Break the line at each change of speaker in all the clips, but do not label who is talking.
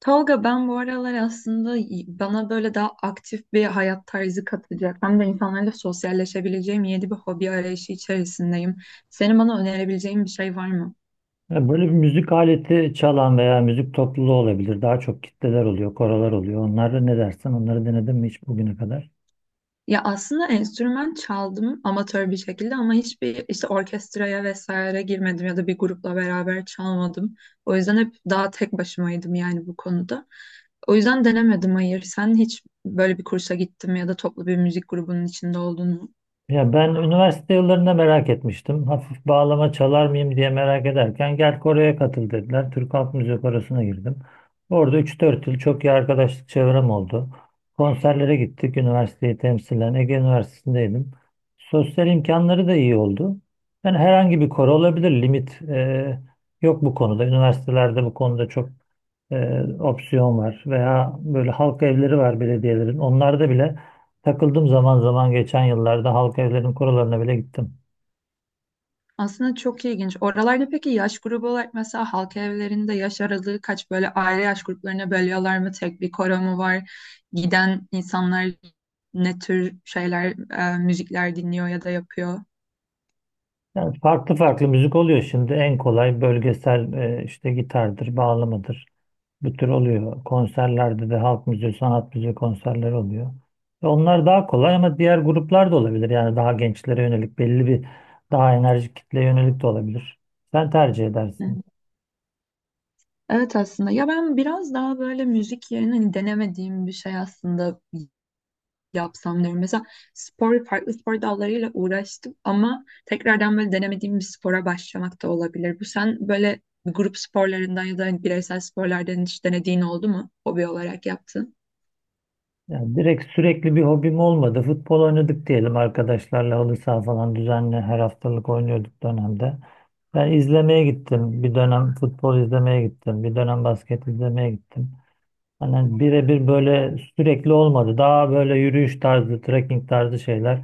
Tolga, ben bu aralar aslında bana böyle daha aktif bir hayat tarzı katacak hem de insanlarla sosyalleşebileceğim yeni bir hobi arayışı içerisindeyim. Senin bana önerebileceğin bir şey var mı?
Ya böyle bir müzik aleti çalan veya müzik topluluğu olabilir. Daha çok kitleler oluyor, koralar oluyor. Onları ne dersen onları denedin mi hiç bugüne kadar?
Ya aslında enstrüman çaldım amatör bir şekilde ama hiçbir işte orkestraya vesaire girmedim ya da bir grupla beraber çalmadım. O yüzden hep daha tek başımaydım yani bu konuda. O yüzden denemedim, hayır. Sen hiç böyle bir kursa gittin mi ya da toplu bir müzik grubunun içinde oldun mu?
Ya ben üniversite yıllarında merak etmiştim. Hafif bağlama çalar mıyım diye merak ederken gel Kore'ye katıl dediler. Türk Halk Müziği Korosu'na girdim. Orada üç dört yıl çok iyi arkadaşlık çevrem oldu. Konserlere gittik. Üniversiteyi temsilen Ege Üniversitesi'ndeydim. Sosyal imkanları da iyi oldu. Yani herhangi bir koro olabilir. Limit yok bu konuda. Üniversitelerde bu konuda çok opsiyon var veya böyle halk evleri var belediyelerin. Onlarda bile takıldım zaman zaman geçen yıllarda halk evlerinin kurallarına bile gittim.
Aslında çok ilginç. Oralarda peki yaş grubu olarak mesela halk evlerinde yaş aralığı kaç, böyle aile yaş gruplarına bölüyorlar mı? Tek bir koro mu var? Giden insanlar ne tür şeyler, müzikler dinliyor ya da yapıyor?
Yani farklı farklı müzik oluyor şimdi. En kolay bölgesel işte gitardır, bağlamadır. Bu tür oluyor. Konserlerde de halk müziği, sanat müziği konserleri oluyor. Ve onlar daha kolay ama diğer gruplar da olabilir. Yani daha gençlere yönelik belli bir daha enerjik kitleye yönelik de olabilir. Sen tercih edersin.
Evet, aslında ya ben biraz daha böyle müzik yerine hani denemediğim bir şey aslında yapsam diyorum. Mesela spor, farklı spor dallarıyla uğraştım ama tekrardan böyle denemediğim bir spora başlamak da olabilir. Bu, sen böyle grup sporlarından ya da bireysel sporlardan hiç denediğin oldu mu? Hobi olarak yaptın.
Yani direkt sürekli bir hobim olmadı. Futbol oynadık diyelim, arkadaşlarla halı saha falan düzenli her haftalık oynuyorduk dönemde. Ben izlemeye gittim. Bir dönem futbol izlemeye gittim. Bir dönem basket izlemeye gittim. Hani birebir böyle sürekli olmadı. Daha böyle yürüyüş tarzı, trekking tarzı şeyler.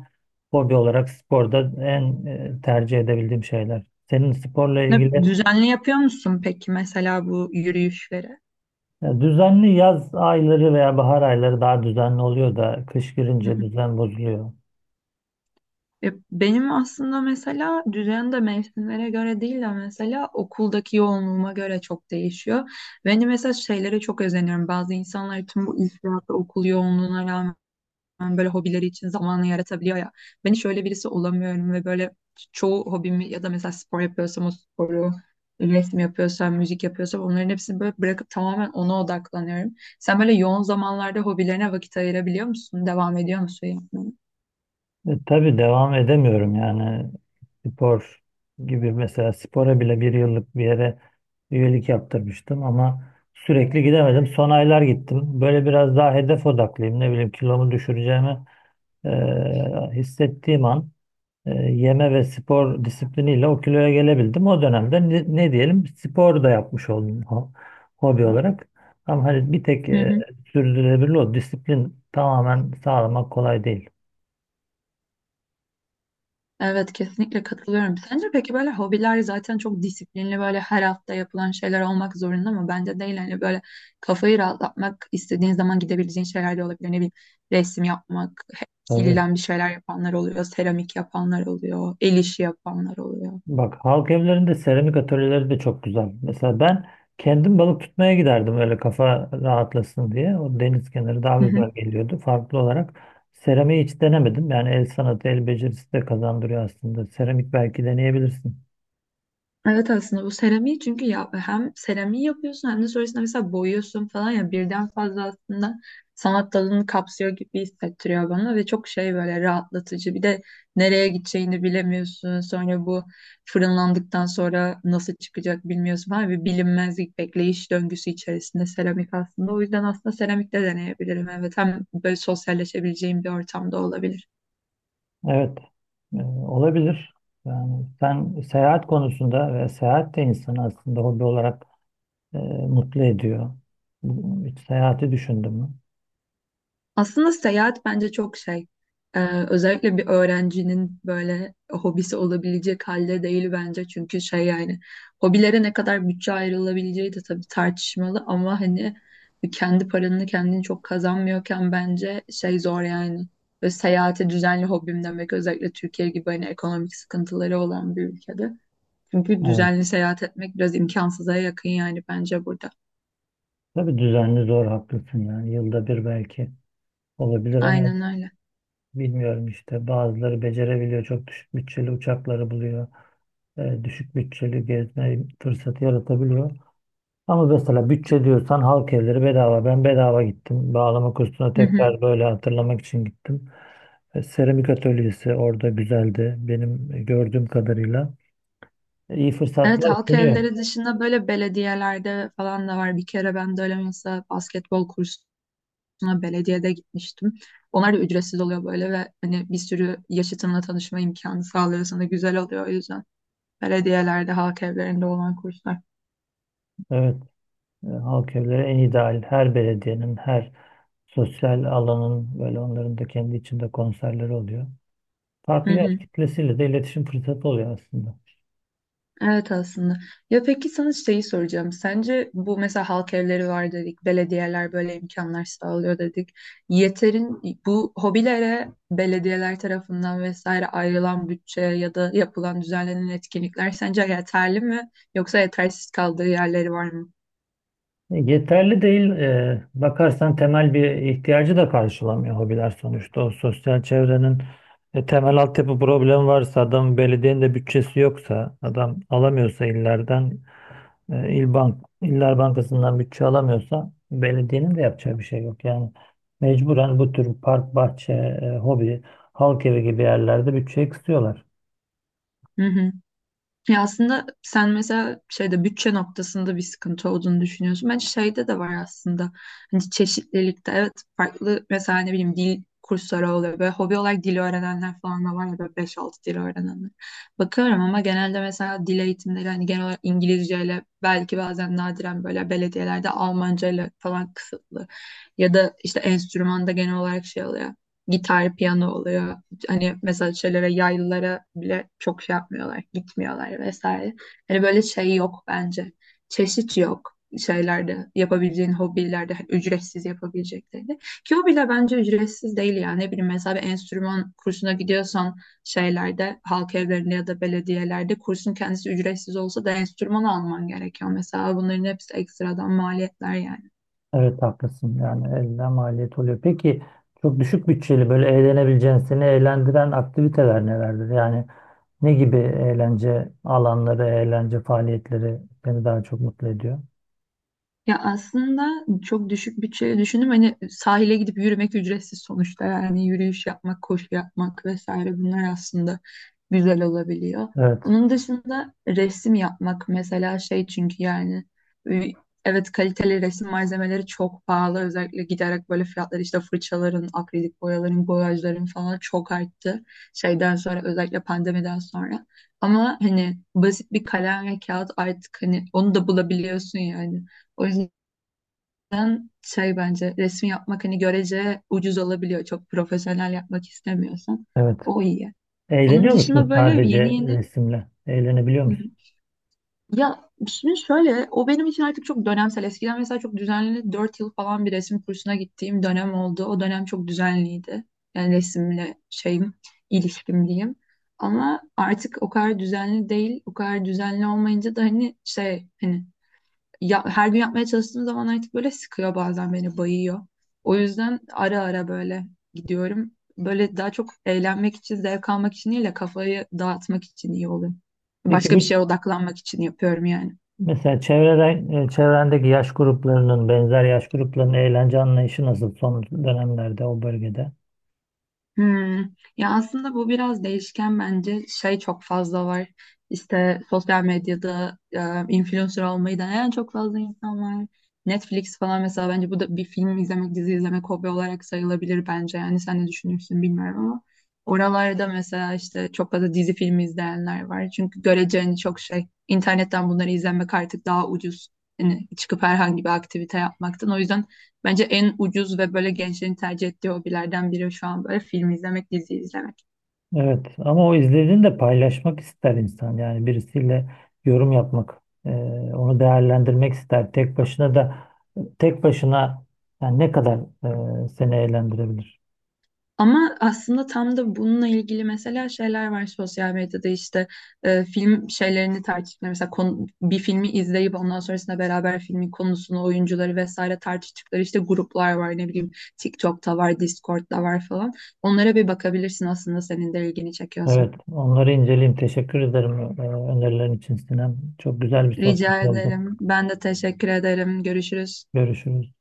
Hobi olarak sporda en tercih edebildiğim şeyler. Senin sporla ilgili
Düzenli yapıyor musun peki mesela bu yürüyüşleri?
düzenli yaz ayları veya bahar ayları daha düzenli oluyor da kış
Hı
girince
hı.
düzen bozuluyor.
Ya benim aslında mesela düzen de mevsimlere göre değil de mesela okuldaki yoğunluğuma göre çok değişiyor. Ben de mesela şeylere çok özeniyorum. Bazı insanlar tüm bu iş hayatı, okul yoğunluğuna rağmen böyle hobileri için zamanı yaratabiliyor ya. Ben hiç öyle birisi olamıyorum ve böyle çoğu hobimi ya da mesela spor yapıyorsam o sporu, resim yapıyorsam, müzik yapıyorsam onların hepsini böyle bırakıp tamamen ona odaklanıyorum. Sen böyle yoğun zamanlarda hobilerine vakit ayırabiliyor musun? Devam ediyor musun yapmaya?
Tabii devam edemiyorum yani spor gibi mesela spora bile bir yıllık bir yere üyelik yaptırmıştım ama sürekli gidemedim. Son aylar gittim. Böyle biraz daha hedef odaklıyım. Ne bileyim kilomu düşüreceğimi e, hissettiğim an yeme ve spor disipliniyle o kiloya gelebildim. O dönemde ne, ne diyelim spor da yapmış oldum hobi olarak. Ama hani bir tek
Hı hı.
sürdürülebilir o disiplin tamamen sağlamak kolay değil.
Evet, kesinlikle katılıyorum. Sence peki böyle hobiler zaten çok disiplinli böyle her hafta yapılan şeyler olmak zorunda mı? Bence değil, hani böyle kafayı rahatlatmak istediğin zaman gidebileceğin şeyler de olabilir. Ne bileyim, resim yapmak,
Tabii.
kilden bir şeyler yapanlar oluyor, seramik yapanlar oluyor, el işi yapanlar oluyor.
Bak halk evlerinde seramik atölyeleri de çok güzel. Mesela ben kendim balık tutmaya giderdim öyle kafa rahatlasın diye. O deniz kenarı daha güzel geliyordu. Farklı olarak seramiği hiç denemedim. Yani el sanatı, el becerisi de kazandırıyor aslında. Seramik belki deneyebilirsin.
Evet, aslında bu seramiği çünkü ya, hem seramiği yapıyorsun hem de sonrasında mesela boyuyorsun falan, ya birden fazla aslında sanat dalını kapsıyor gibi hissettiriyor bana ve çok şey, böyle rahatlatıcı. Bir de nereye gideceğini bilemiyorsun. Sonra bu fırınlandıktan sonra nasıl çıkacak bilmiyorsun falan, bir bilinmezlik bekleyiş döngüsü içerisinde seramik aslında. O yüzden aslında seramik de deneyebilirim. Evet, hem böyle sosyalleşebileceğim bir ortamda olabilir.
Evet, olabilir. Yani sen seyahat konusunda ve seyahat de insanı aslında hobi olarak e, mutlu ediyor. Hiç seyahati düşündün mü?
Aslında seyahat bence çok şey. Ee, özellikle bir öğrencinin böyle hobisi olabilecek halde değil bence. Çünkü şey yani hobilere ne kadar bütçe ayrılabileceği de tabii tartışmalı ama hani kendi paranını kendini çok kazanmıyorken bence şey zor yani. Ve seyahate düzenli hobim demek özellikle Türkiye gibi hani ekonomik sıkıntıları olan bir ülkede. Çünkü
Evet.
düzenli seyahat etmek biraz imkansıza yakın yani bence burada.
Tabii düzenli zor, haklısın yani, yılda bir belki. Olabilir ama
Aynen öyle.
bilmiyorum işte, bazıları becerebiliyor. Çok düşük bütçeli uçakları buluyor. Düşük bütçeli gezme fırsatı yaratabiliyor. Ama mesela bütçe diyorsan halk evleri bedava. Ben bedava gittim. Bağlama kursuna tekrar böyle hatırlamak için gittim. Seramik atölyesi orada güzeldi. Benim gördüğüm kadarıyla. İyi
Evet,
fırsatlar
halk
sunuyor.
evleri dışında böyle belediyelerde falan da var. Bir kere ben de öyle mesela basketbol kursuna belediyede gitmiştim. Onlar da ücretsiz oluyor böyle ve hani bir sürü yaşıtınla tanışma imkanı sağlıyor sana, güzel oluyor o yüzden. Belediyelerde, halk evlerinde olan kurslar.
Evet. Halk evleri en ideal. Her belediyenin, her sosyal alanın böyle onların da kendi içinde konserleri oluyor.
Hı
Farklı yaş
hı.
kitlesiyle de iletişim fırsatı oluyor aslında.
Evet, aslında. Ya peki sana şeyi soracağım. Sence bu mesela halk evleri var dedik, belediyeler böyle imkanlar sağlıyor dedik. Yeterin bu hobilere belediyeler tarafından vesaire ayrılan bütçe ya da yapılan düzenlenen etkinlikler sence yeterli mi yoksa yetersiz kaldığı yerleri var mı?
Yeterli değil. Bakarsan temel bir ihtiyacı da karşılamıyor hobiler sonuçta. O sosyal çevrenin temel altyapı problemi varsa, adam belediyenin de bütçesi yoksa, adam alamıyorsa illerden, il bank, iller bankasından bütçe alamıyorsa belediyenin de yapacağı bir şey yok. Yani mecburen bu tür park, bahçe, hobi, halk evi gibi yerlerde bütçe kısıyorlar.
Ya aslında sen mesela şeyde, bütçe noktasında bir sıkıntı olduğunu düşünüyorsun. Bence şeyde de var aslında. Hani çeşitlilikte. Evet, farklı mesela, ne bileyim, dil kursları oluyor. Böyle hobi olarak dil öğrenenler falan da var ya, böyle 5-6 dil öğrenenler. Bakıyorum ama genelde mesela dil eğitimleri hani genel olarak İngilizceyle, belki bazen nadiren böyle belediyelerde Almancayla falan kısıtlı. Ya da işte enstrümanda genel olarak şey oluyor. Gitar, piyano oluyor, hani mesela şeylere, yaylılara bile çok şey yapmıyorlar, gitmiyorlar vesaire. Hani böyle şey yok bence. Çeşit yok şeylerde, yapabileceğin hobilerde, hani ücretsiz yapabileceklerinde. Ki hobiler bence ücretsiz değil yani. Ne bileyim, mesela bir enstrüman kursuna gidiyorsan şeylerde, halk evlerinde ya da belediyelerde kursun kendisi ücretsiz olsa da enstrüman alman gerekiyor. Mesela bunların hepsi ekstradan maliyetler yani.
Evet haklısın, yani elde maliyet oluyor. Peki çok düşük bütçeli böyle eğlenebileceğin, seni eğlendiren aktiviteler nelerdir? Yani ne gibi eğlence alanları, eğlence faaliyetleri seni daha çok mutlu ediyor?
Ya aslında çok düşük bütçeyle düşündüm. Hani sahile gidip yürümek ücretsiz sonuçta. Yani yürüyüş yapmak, koşu yapmak vesaire bunlar aslında güzel olabiliyor.
Evet,
Onun dışında resim yapmak mesela, şey çünkü yani, e, evet, kaliteli resim malzemeleri çok pahalı. Özellikle giderek böyle fiyatlar, işte fırçaların, akrilik boyaların, boyajların falan çok arttı. Şeyden sonra, özellikle pandemiden sonra. Ama hani basit bir kalem ve kağıt artık, hani onu da bulabiliyorsun yani. O yüzden şey, bence resim yapmak hani görece ucuz olabiliyor. Çok profesyonel yapmak istemiyorsan.
evet.
O iyi. Onun
Eğleniyor
dışında
musun
böyle yeni
sadece
yeni.
resimle? Eğlenebiliyor
Hı hı.
musun?
Ya şimdi şöyle, o benim için artık çok dönemsel. Eskiden mesela çok düzenli 4 yıl falan bir resim kursuna gittiğim dönem oldu. O dönem çok düzenliydi. Yani resimle şeyim, ilişkim diyeyim. Ama artık o kadar düzenli değil. O kadar düzenli olmayınca da hani şey, hani ya, her gün yapmaya çalıştığım zaman artık böyle sıkıyor, bazen beni bayıyor. O yüzden ara ara böyle gidiyorum. Böyle daha çok eğlenmek için, zevk almak için değil de kafayı dağıtmak için iyi oluyor.
Peki
Başka bir
bu
şeye odaklanmak için yapıyorum yani.
mesela çevreden, çevrendeki yaş gruplarının, benzer yaş gruplarının eğlence anlayışı nasıl son dönemlerde o bölgede?
Hmm. Ya aslında bu biraz değişken, bence şey çok fazla var. İşte sosyal medyada influencer olmayı deneyen çok fazla insan var. Netflix falan mesela, bence bu da, bir film izlemek, dizi izlemek hobi olarak sayılabilir bence. Yani sen ne düşünürsün bilmiyorum ama oralarda mesela işte çok fazla dizi, film izleyenler var. Çünkü göreceğini çok şey, internetten bunları izlemek artık daha ucuz. Yani çıkıp herhangi bir aktivite yapmaktan. O yüzden bence en ucuz ve böyle gençlerin tercih ettiği hobilerden biri şu an böyle film izlemek, dizi izlemek.
Evet ama o izlediğini de paylaşmak ister insan, yani birisiyle yorum yapmak, e, onu değerlendirmek ister. Tek başına yani ne kadar seni eğlendirebilir.
Ama aslında tam da bununla ilgili mesela şeyler var sosyal medyada, işte film şeylerini tartıştıkları mesela, bir filmi izleyip ondan sonrasında beraber filmin konusunu, oyuncuları vesaire tartıştıkları işte gruplar var, ne bileyim, TikTok'ta var, Discord'da var falan. Onlara bir bakabilirsin aslında senin de ilgini çekiyorsa.
Evet, onları inceleyeyim, teşekkür ederim önerilerin için Sinem, çok güzel bir sohbet
Rica
oldu.
ederim. Ben de teşekkür ederim. Görüşürüz.
Görüşürüz.